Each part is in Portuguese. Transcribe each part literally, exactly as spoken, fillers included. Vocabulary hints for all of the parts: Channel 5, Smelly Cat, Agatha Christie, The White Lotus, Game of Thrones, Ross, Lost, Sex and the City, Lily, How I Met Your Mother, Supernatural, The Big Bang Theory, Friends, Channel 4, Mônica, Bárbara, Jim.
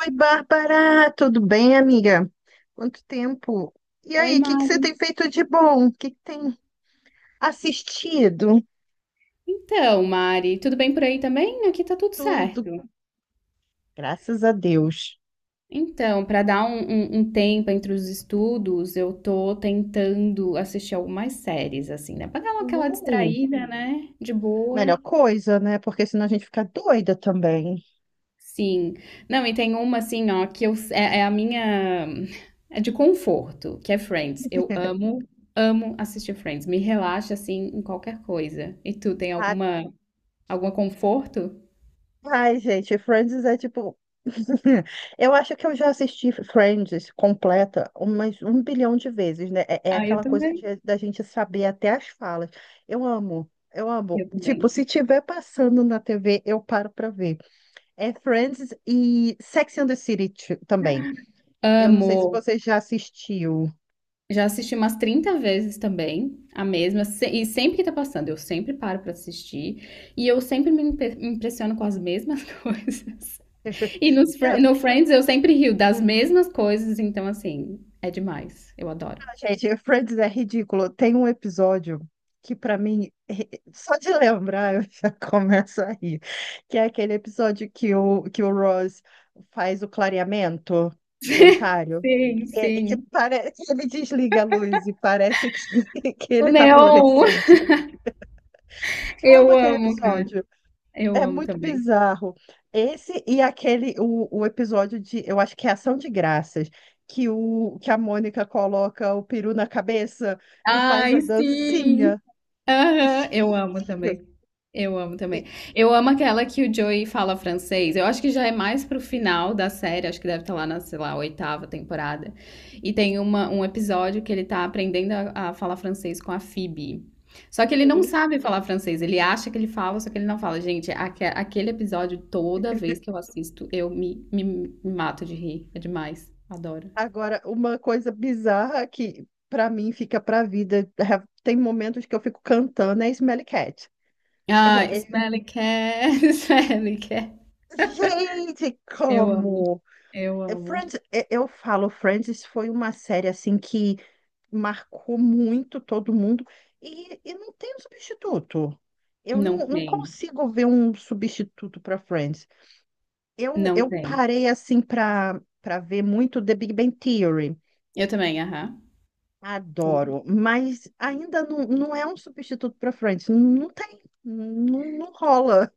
Oi, Bárbara, tudo bem, amiga? Quanto tempo? E Oi, aí, o que que você tem Mari. feito de bom? O que que tem assistido? Então, Mari, tudo bem por aí também? Aqui tá tudo Tudo, certo. graças a Deus. Então, para dar um, um- um tempo entre os estudos, eu tô tentando assistir algumas séries, assim, né? Pra dar uma- aquela Uh, distraída, né? De boa. Melhor coisa, né? Porque senão a gente fica doida também. Sim. Não, e tem uma, assim, ó, que eu, é, é a minha. É de conforto, que é Friends. Eu amo, amo assistir Friends. Me relaxa, assim, em qualquer coisa. E tu tem Ah, alguma, algum conforto? ai, gente, Friends é tipo. Eu acho que eu já assisti Friends completa umas um bilhão de vezes, né? É, é Ah, eu aquela coisa também. de- da gente saber até as falas. Eu amo, eu amo. Eu Tipo, também. se tiver passando na T V, eu paro pra ver. É Friends e Sex and the City t- também. Eu não sei se Amo. você já assistiu. Já assisti umas trinta vezes também, a mesma, se- e sempre que tá passando, eu sempre paro pra assistir, e eu sempre me impe- me impressiono com as mesmas coisas. E nos, Fri- no Friends eu sempre rio das mesmas coisas, então assim, é demais, eu adoro. Gente, Friends é ridículo. Tem um episódio que, pra mim, eh, só de lembrar eu já começo a rir. Que é aquele episódio que o, que o Ross faz o clareamento dentário. Sim, Que, é- que, sim. pare... que ele desliga a luz e parece que, que O ele tá Neon, fluorescente. Eu amo eu aquele amo, cara, episódio. eu É amo muito também. bizarro. Esse e aquele, o, o episódio de, eu acho que é Ação de Graças, que, o, que a Mônica coloca o peru na cabeça e faz a Ai, sim! dancinha. Aham, eu Gente, amo também. Eu amo e- também. Eu amo aquela que o Joey fala francês. Eu acho que já é mais pro final da série, acho que deve estar lá na, sei lá, oitava temporada. E tem uma, um episódio que ele tá aprendendo a, a falar francês com a Phoebe. Só que ele não hum. sabe falar francês, ele acha que ele fala, só que ele não fala. Gente, aque- aquele episódio, toda vez que eu assisto, eu me, me, me mato de rir. É demais. Adoro. Agora, uma coisa bizarra que pra mim fica pra vida, é, tem momentos que eu fico cantando, é Smelly Cat. Ah, É- é- Smelly Cat, Smelly Cat. Gente, Eu amo, como? eu É, amo. Friends, é, eu falo, Friends foi uma série assim que marcou muito todo mundo e, e não tem um substituto. Eu Não não, não tem, consigo ver um substituto para Friends. Eu, não eu tem. parei assim para para ver muito The Big Bang Theory. Eu também, aham, também. Adoro, mas ainda não, não é um substituto para Friends. Não tem, não, não rola.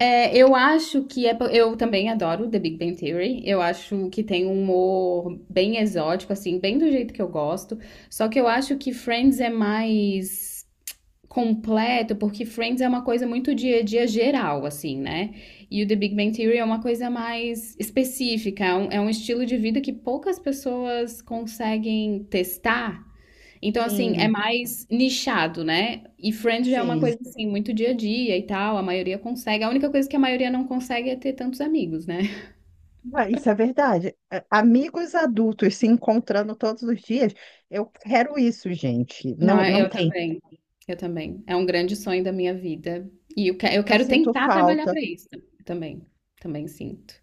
É, eu acho que é. po- Eu também adoro The Big Bang Theory. Eu acho que tem um humor bem exótico, assim, bem do jeito que eu gosto. Só que eu acho que Friends é mais completo, porque Friends é uma coisa muito dia a dia geral, assim, né? E o The Big Bang Theory é uma coisa mais específica. É um, é um estilo de vida que poucas pessoas conseguem testar. Então, assim, é Sim, mais nichado, né? E Friends já é uma sim. coisa, assim, muito dia a dia e tal, a maioria consegue. A única coisa que a maioria não consegue é ter tantos amigos, né? Ah, isso é verdade. A- Amigos adultos se encontrando todos os dias, eu quero isso, gente. Não, Não, não eu tem. também. Eu também. É um grande sonho da minha vida. E eu, que- eu Eu quero sinto tentar trabalhar falta. para isso também. Também sinto.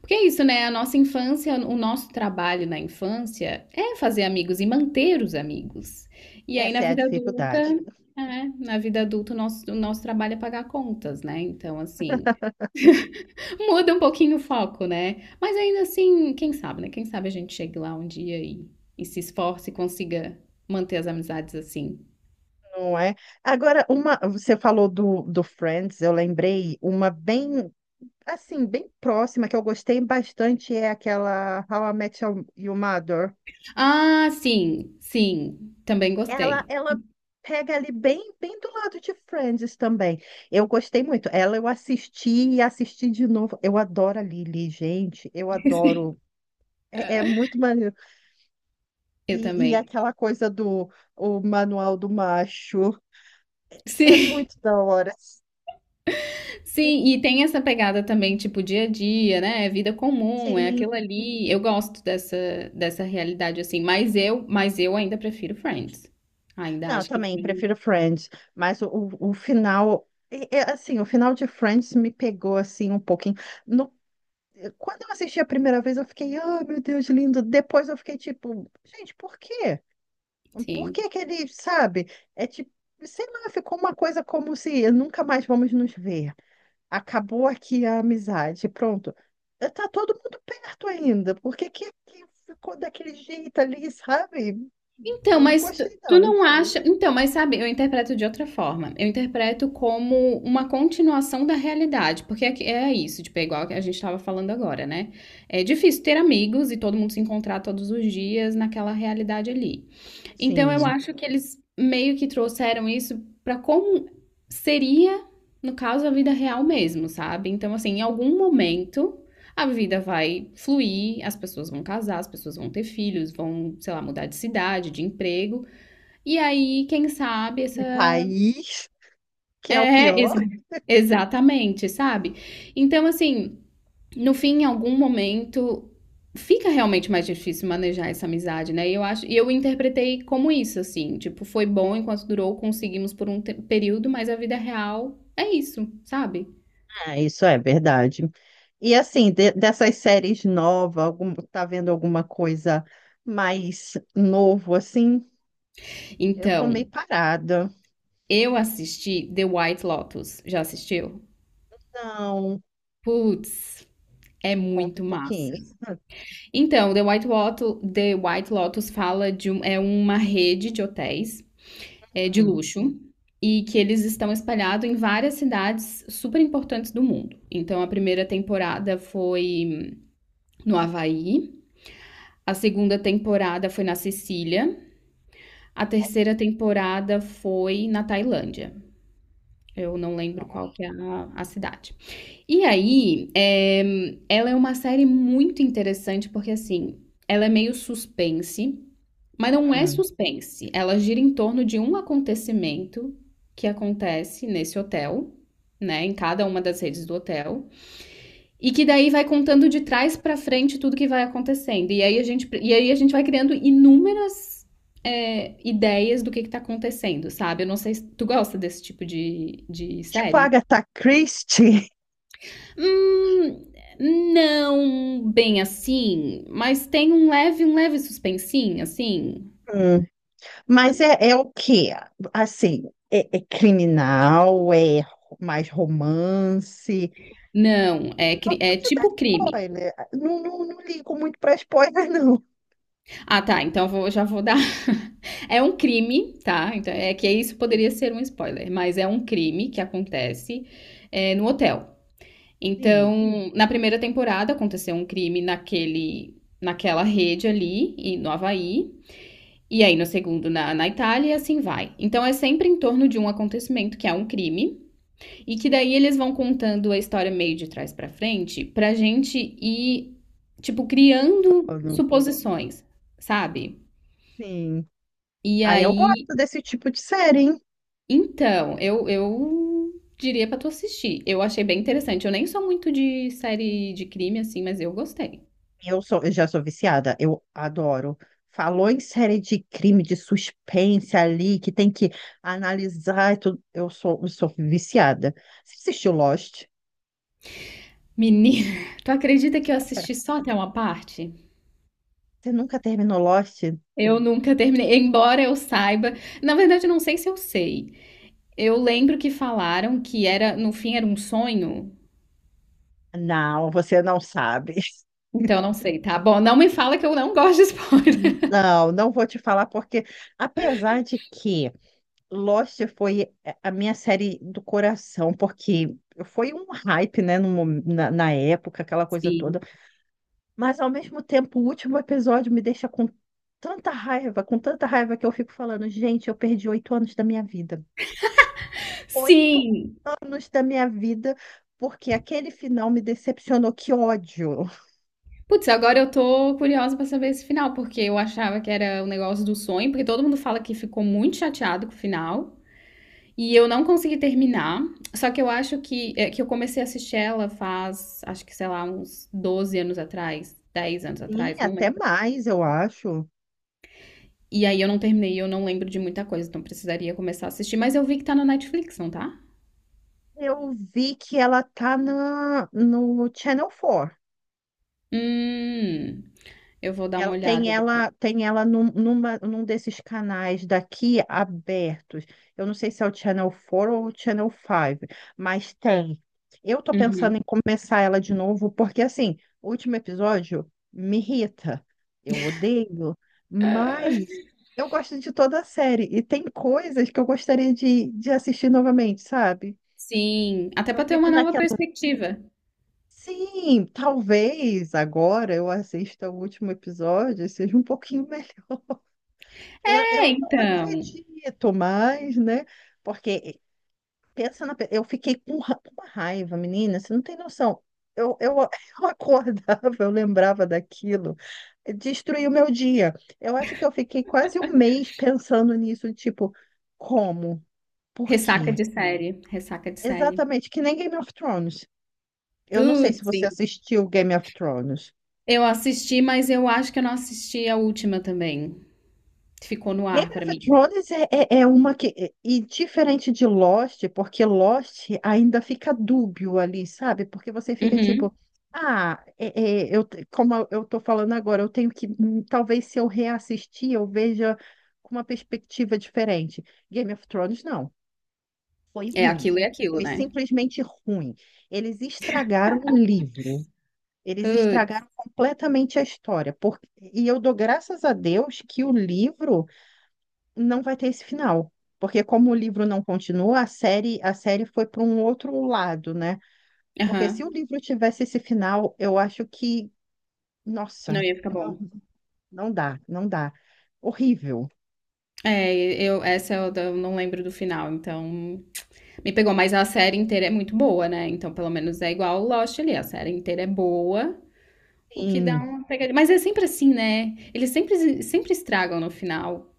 Porque é isso, né? A nossa infância, o nosso trabalho na infância é fazer amigos e manter os amigos. E aí Essa na é a vida adulta, dificuldade, é, na vida adulta, o nosso, o nosso trabalho é pagar contas, né? Então, assim. Muda um pouquinho o foco, né? Mas ainda assim, quem sabe, né? Quem sabe a gente chegue lá um dia e, e se esforce e consiga manter as amizades assim. não é? Agora, uma, você falou do, do Friends, eu lembrei uma bem, assim, bem próxima que eu gostei bastante é aquela How I Met Your Your Mother. Ah, sim, sim. Também Ela, gostei. ela pega ali bem, bem do lado de Friends também. Eu gostei muito. Ela eu assisti e assisti de novo. Eu adoro a Lily, gente. Eu Sim. adoro. É, é muito maneiro. Eu E, e também. aquela coisa do o manual do macho. É Sim, muito da hora. sim, e tem essa pegada também, tipo, dia a dia, né? É vida comum, é aquilo Sim. ali. Eu gosto dessa, dessa realidade, assim, mas eu, mas eu ainda prefiro Friends. Ainda Não, eu acho que também Friends, prefiro Friends, mas o, o, o final, é- é assim, o final de Friends me pegou assim um pouquinho. No- Quando eu assisti a primeira vez, eu fiquei, ah, meu Deus, lindo. Depois eu fiquei tipo, gente, por quê? Por sim. que que ele, sabe? É tipo, sei lá, ficou uma coisa como se nunca mais vamos nos ver. Acabou aqui a amizade, pronto. Eh, Tá todo mundo perto ainda. Por que que, que ficou daquele jeito ali, sabe? Então, Eu não mas tu, gostei, tu não. não acha. Então, mas sabe, eu interpreto de outra forma. Eu interpreto como uma continuação da realidade, porque é, que- é isso, tipo, é igual que a gente estava falando agora, né? É difícil ter amigos e todo mundo se encontrar todos os dias naquela realidade ali. Então eu Sim. acho que eles meio que trouxeram isso pra como seria, no caso, a vida real mesmo, sabe? Então, assim, em algum momento a vida vai fluir, as pessoas vão casar, as pessoas vão ter filhos, vão, sei lá, mudar de cidade, de emprego. E aí, quem sabe, essa. De país, que é o É, pior. exa- exatamente, sabe? Então, assim no fim, em algum momento, fica realmente mais difícil manejar essa amizade, né? E eu acho, e eu interpretei como isso, assim, tipo, foi bom enquanto durou, conseguimos por um te- período, mas a vida real é isso, sabe? É, isso é verdade. E assim, de- dessas séries novas, algum, tá vendo alguma coisa mais novo assim? Eu tô meio Então, parada. eu assisti The White Lotus. Já assistiu? Não, Putz, é conta um muito massa. pouquinho. Então, The White Lotus, The White Lotus fala de um, é uma rede de hotéis é, de Hum, luxo e que eles estão espalhados em várias cidades super importantes do mundo. Então a primeira temporada foi no Havaí, a segunda temporada foi na Sicília, a terceira temporada foi na Tailândia. Eu não lembro não, qual que é a, a cidade. E aí, é, ela é uma série muito interessante porque assim, ela é meio suspense, mas não é hum. suspense. Ela gira em torno de um acontecimento que acontece nesse hotel, né, em cada uma das redes do hotel, e que daí vai contando de trás pra frente tudo que vai acontecendo. E aí a gente, e aí a gente vai criando inúmeras é, ideias do que que tá acontecendo, sabe? Eu não sei se tu gosta desse tipo de, de Tipo série. Agatha Christie. Hum, não bem assim, mas tem um leve, um leve suspensinho, assim. Hum. Mas é, é o quê? Assim, é, é criminal, é mais romance. Não, é, cri- é Pode dar tipo crime. spoiler. Não, não, não ligo muito para spoiler, não. Ah, tá. Então vou, já vou dar. É um crime, tá? Então é que isso poderia ser um spoiler, mas é um crime que acontece é, no hotel. Sim. Então, na primeira temporada aconteceu um crime naquele, naquela rede ali e no Havaí. E aí, no segundo, na, na Itália, e assim vai. Então, é sempre em torno de um acontecimento, que é um crime, e que daí eles vão contando a história meio de trás pra frente, pra gente ir, tipo, criando suposições, sabe? Sim. E Aí eu aí, gosto desse tipo de série, hein? então, eu, eu diria pra tu assistir. Eu achei bem interessante. Eu nem sou muito de série de crime assim, mas eu gostei. Eu sou, eu já sou viciada, eu adoro. Falou em série de crime, de suspense ali, que tem que analisar e tudo. Eu sou, eu sou viciada. Você assistiu Lost? Menina, tu acredita que eu assisti só até uma parte? Você nunca terminou Lost? Eu nunca terminei, embora eu saiba. Na verdade, eu não sei se eu sei. Eu lembro que falaram que era, no fim, era um sonho. Não, você não sabe. Então, eu não sei, tá? Bom, não me fala que eu não gosto de spoiler. Não, não vou te falar, porque apesar de que Lost foi é, a minha série do coração, porque foi um hype, né, no, mo- na, na época, aquela coisa Sim. toda. Mas ao mesmo tempo, o último episódio me deixa com tanta raiva, com tanta raiva que eu fico falando, gente, eu perdi oito anos da minha vida. Oito Sim, anos da minha vida, porque aquele final me decepcionou. Que ódio. Putz, agora eu tô curiosa pra saber esse final, porque eu achava que era o negócio do sonho, porque todo mundo fala que ficou muito chateado com o final, e eu não consegui terminar. Só que eu acho que, é, que eu comecei a assistir ela faz, acho que, sei lá, uns doze anos atrás, dez anos Sim, atrás, não até lembro. mais, eu acho. E aí eu não terminei, eu não lembro de muita coisa, então precisaria começar a assistir. Mas eu vi que tá na Netflix, não tá? Eu vi que ela tá na, no Channel quatro. Hum, eu vou dar uma Ela, tem olhada depois. ela, tem ela num, numa, num desses canais daqui abertos. Eu não sei se é o Channel quatro ou o Channel cinco, mas tem. Eu tô pensando Uhum. em começar ela de novo, porque assim, o último episódio me irrita. Eu odeio, mas eu gosto de toda a série. E tem coisas que eu gostaria de, de assistir novamente, sabe? Sim, até Eu pra ter fico uma nova naquela. perspectiva. Sim, talvez agora eu assista o último episódio e seja um pouquinho. Eu, É, eu não então. acredito mais, né? Porque eh, pensa na, pe- eu fiquei com ra- com uma raiva, menina, você não tem noção. Eu, eu, eu acordava, eu lembrava daquilo, eh, destruiu meu dia. Eu acho que eu fiquei quase um mês pensando nisso, tipo, como? Por Ressaca quê? de série, ressaca de série. Exatamente, que nem Game of Thrones. Eu não sei se Putz, você sim. assistiu Game of Thrones. Eu assisti, mas eu acho que eu não assisti a última também. Ficou no Game ar pra of mim. Thrones é, é, é uma que. é- E diferente de Lost, porque Lost ainda fica dúbio ali, sabe? Porque você fica Uhum. tipo, ah, é- é, eu, te- como eu eu tô falando agora, eu tenho que. hum, Talvez se eu reassistir, eu veja com uma perspectiva diferente. Game of Thrones, não. Foi É ruim. aquilo e aquilo, Foi né? simplesmente ruim. Eles estragaram o livro. Eles Putz. estragaram completamente a história. Por... E eu dou graças a Deus que o livro não vai ter esse final. Porque como o livro não continua, a série, a série foi para um outro lado, né? Porque se o Aham. livro tivesse esse final, eu acho que, nossa, Não ia ficar não, bom. não dá, não dá. Horrível. É, eu essa eu da- eu não lembro do final, então me pegou, mas a série inteira é muito boa, né? Então, pelo menos é igual o Lost ali, a série inteira é boa, o que dá Sim, uma pegadinha. Mas é sempre assim, né? Eles sempre sempre estragam no final.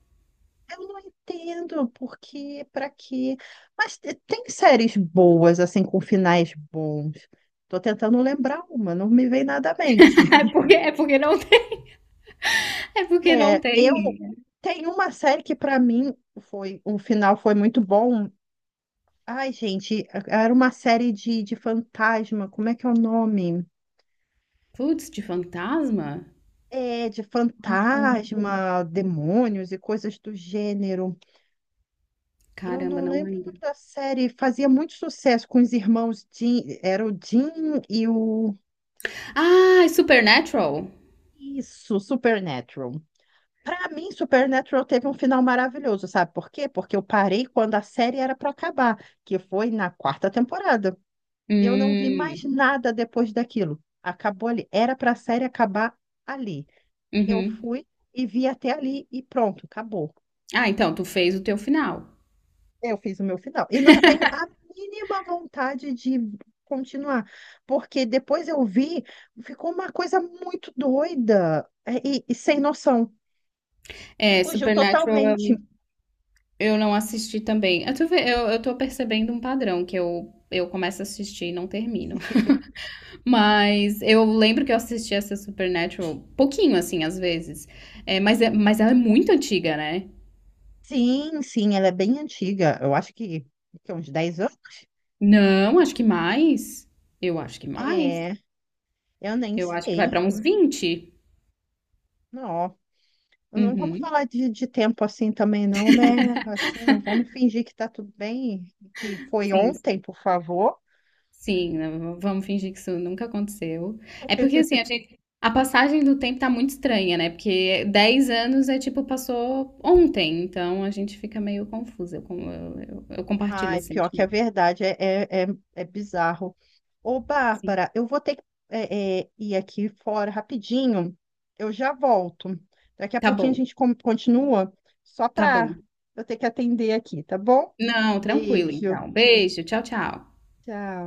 eu não entendo porque, para quê? Mas te- tem séries boas, assim, com finais bons. Tô tentando lembrar uma, não me vem nada à mente. É porque é porque não é porque não É, eu tem. tenho uma série que para mim foi, o final foi muito bom. Ai, gente, era uma série de, de fantasma, como é que é o nome? Putz, de fantasma? É, de Não lembro. fantasma, demônios e coisas do gênero. Eu Caramba, não não lembro o nome lembro. da série, fazia muito sucesso com os irmãos Jim, era o Jim e o... Ah, é Supernatural? Isso, Supernatural. Para mim, Supernatural teve um final maravilhoso, sabe por quê? Porque eu parei quando a série era para acabar, que foi na quarta temporada. Eu não vi mais Hum, nada depois daquilo. Acabou ali. Era para a série acabar ali. Eu uhum. fui e vi até ali e pronto, acabou. Ah, então, tu fez o teu final. Eu fiz o meu final. E não tenho a mínima vontade de continuar, porque depois eu vi, ficou uma coisa muito doida é, e, e sem noção, que É, fugiu Supernatural eu totalmente. eu não assisti também. Eu tô, ve- eu, eu tô percebendo um padrão que eu, eu começo a assistir e não termino. Mas eu lembro que eu assisti essa Supernatural pouquinho, assim, às vezes. É, mas, é, mas ela é muito antiga, né? Sim, sim, ela é bem antiga. Eu acho que, que é uns dez anos. Não, acho que mais. Eu acho que mais. É, eu nem Eu acho que vai sei. pra uns vinte. Não, não vamos Uhum. falar de, de tempo assim também, não, né? Assim, vamos fingir que tá tudo bem, que foi Sim, ontem, por favor. sim, não, vamos fingir que isso nunca aconteceu. É porque assim, a gente, a passagem do tempo tá muito estranha, né? Porque dez anos é tipo, passou ontem, então a gente fica meio confusa. Eu, com- eu, eu- eu compartilho Ai, esse pior que é sentimento. verdade, é, é, é, é bizarro. Ô, Sim. Bárbara, eu vou ter que é, é, ir aqui fora rapidinho, eu já volto. Daqui a Tá pouquinho a bom, gente con- continua, só tá bom. para eu ter que atender aqui, tá bom? Não, tranquilo Beijo, então. Beijo, tchau, tchau. tchau.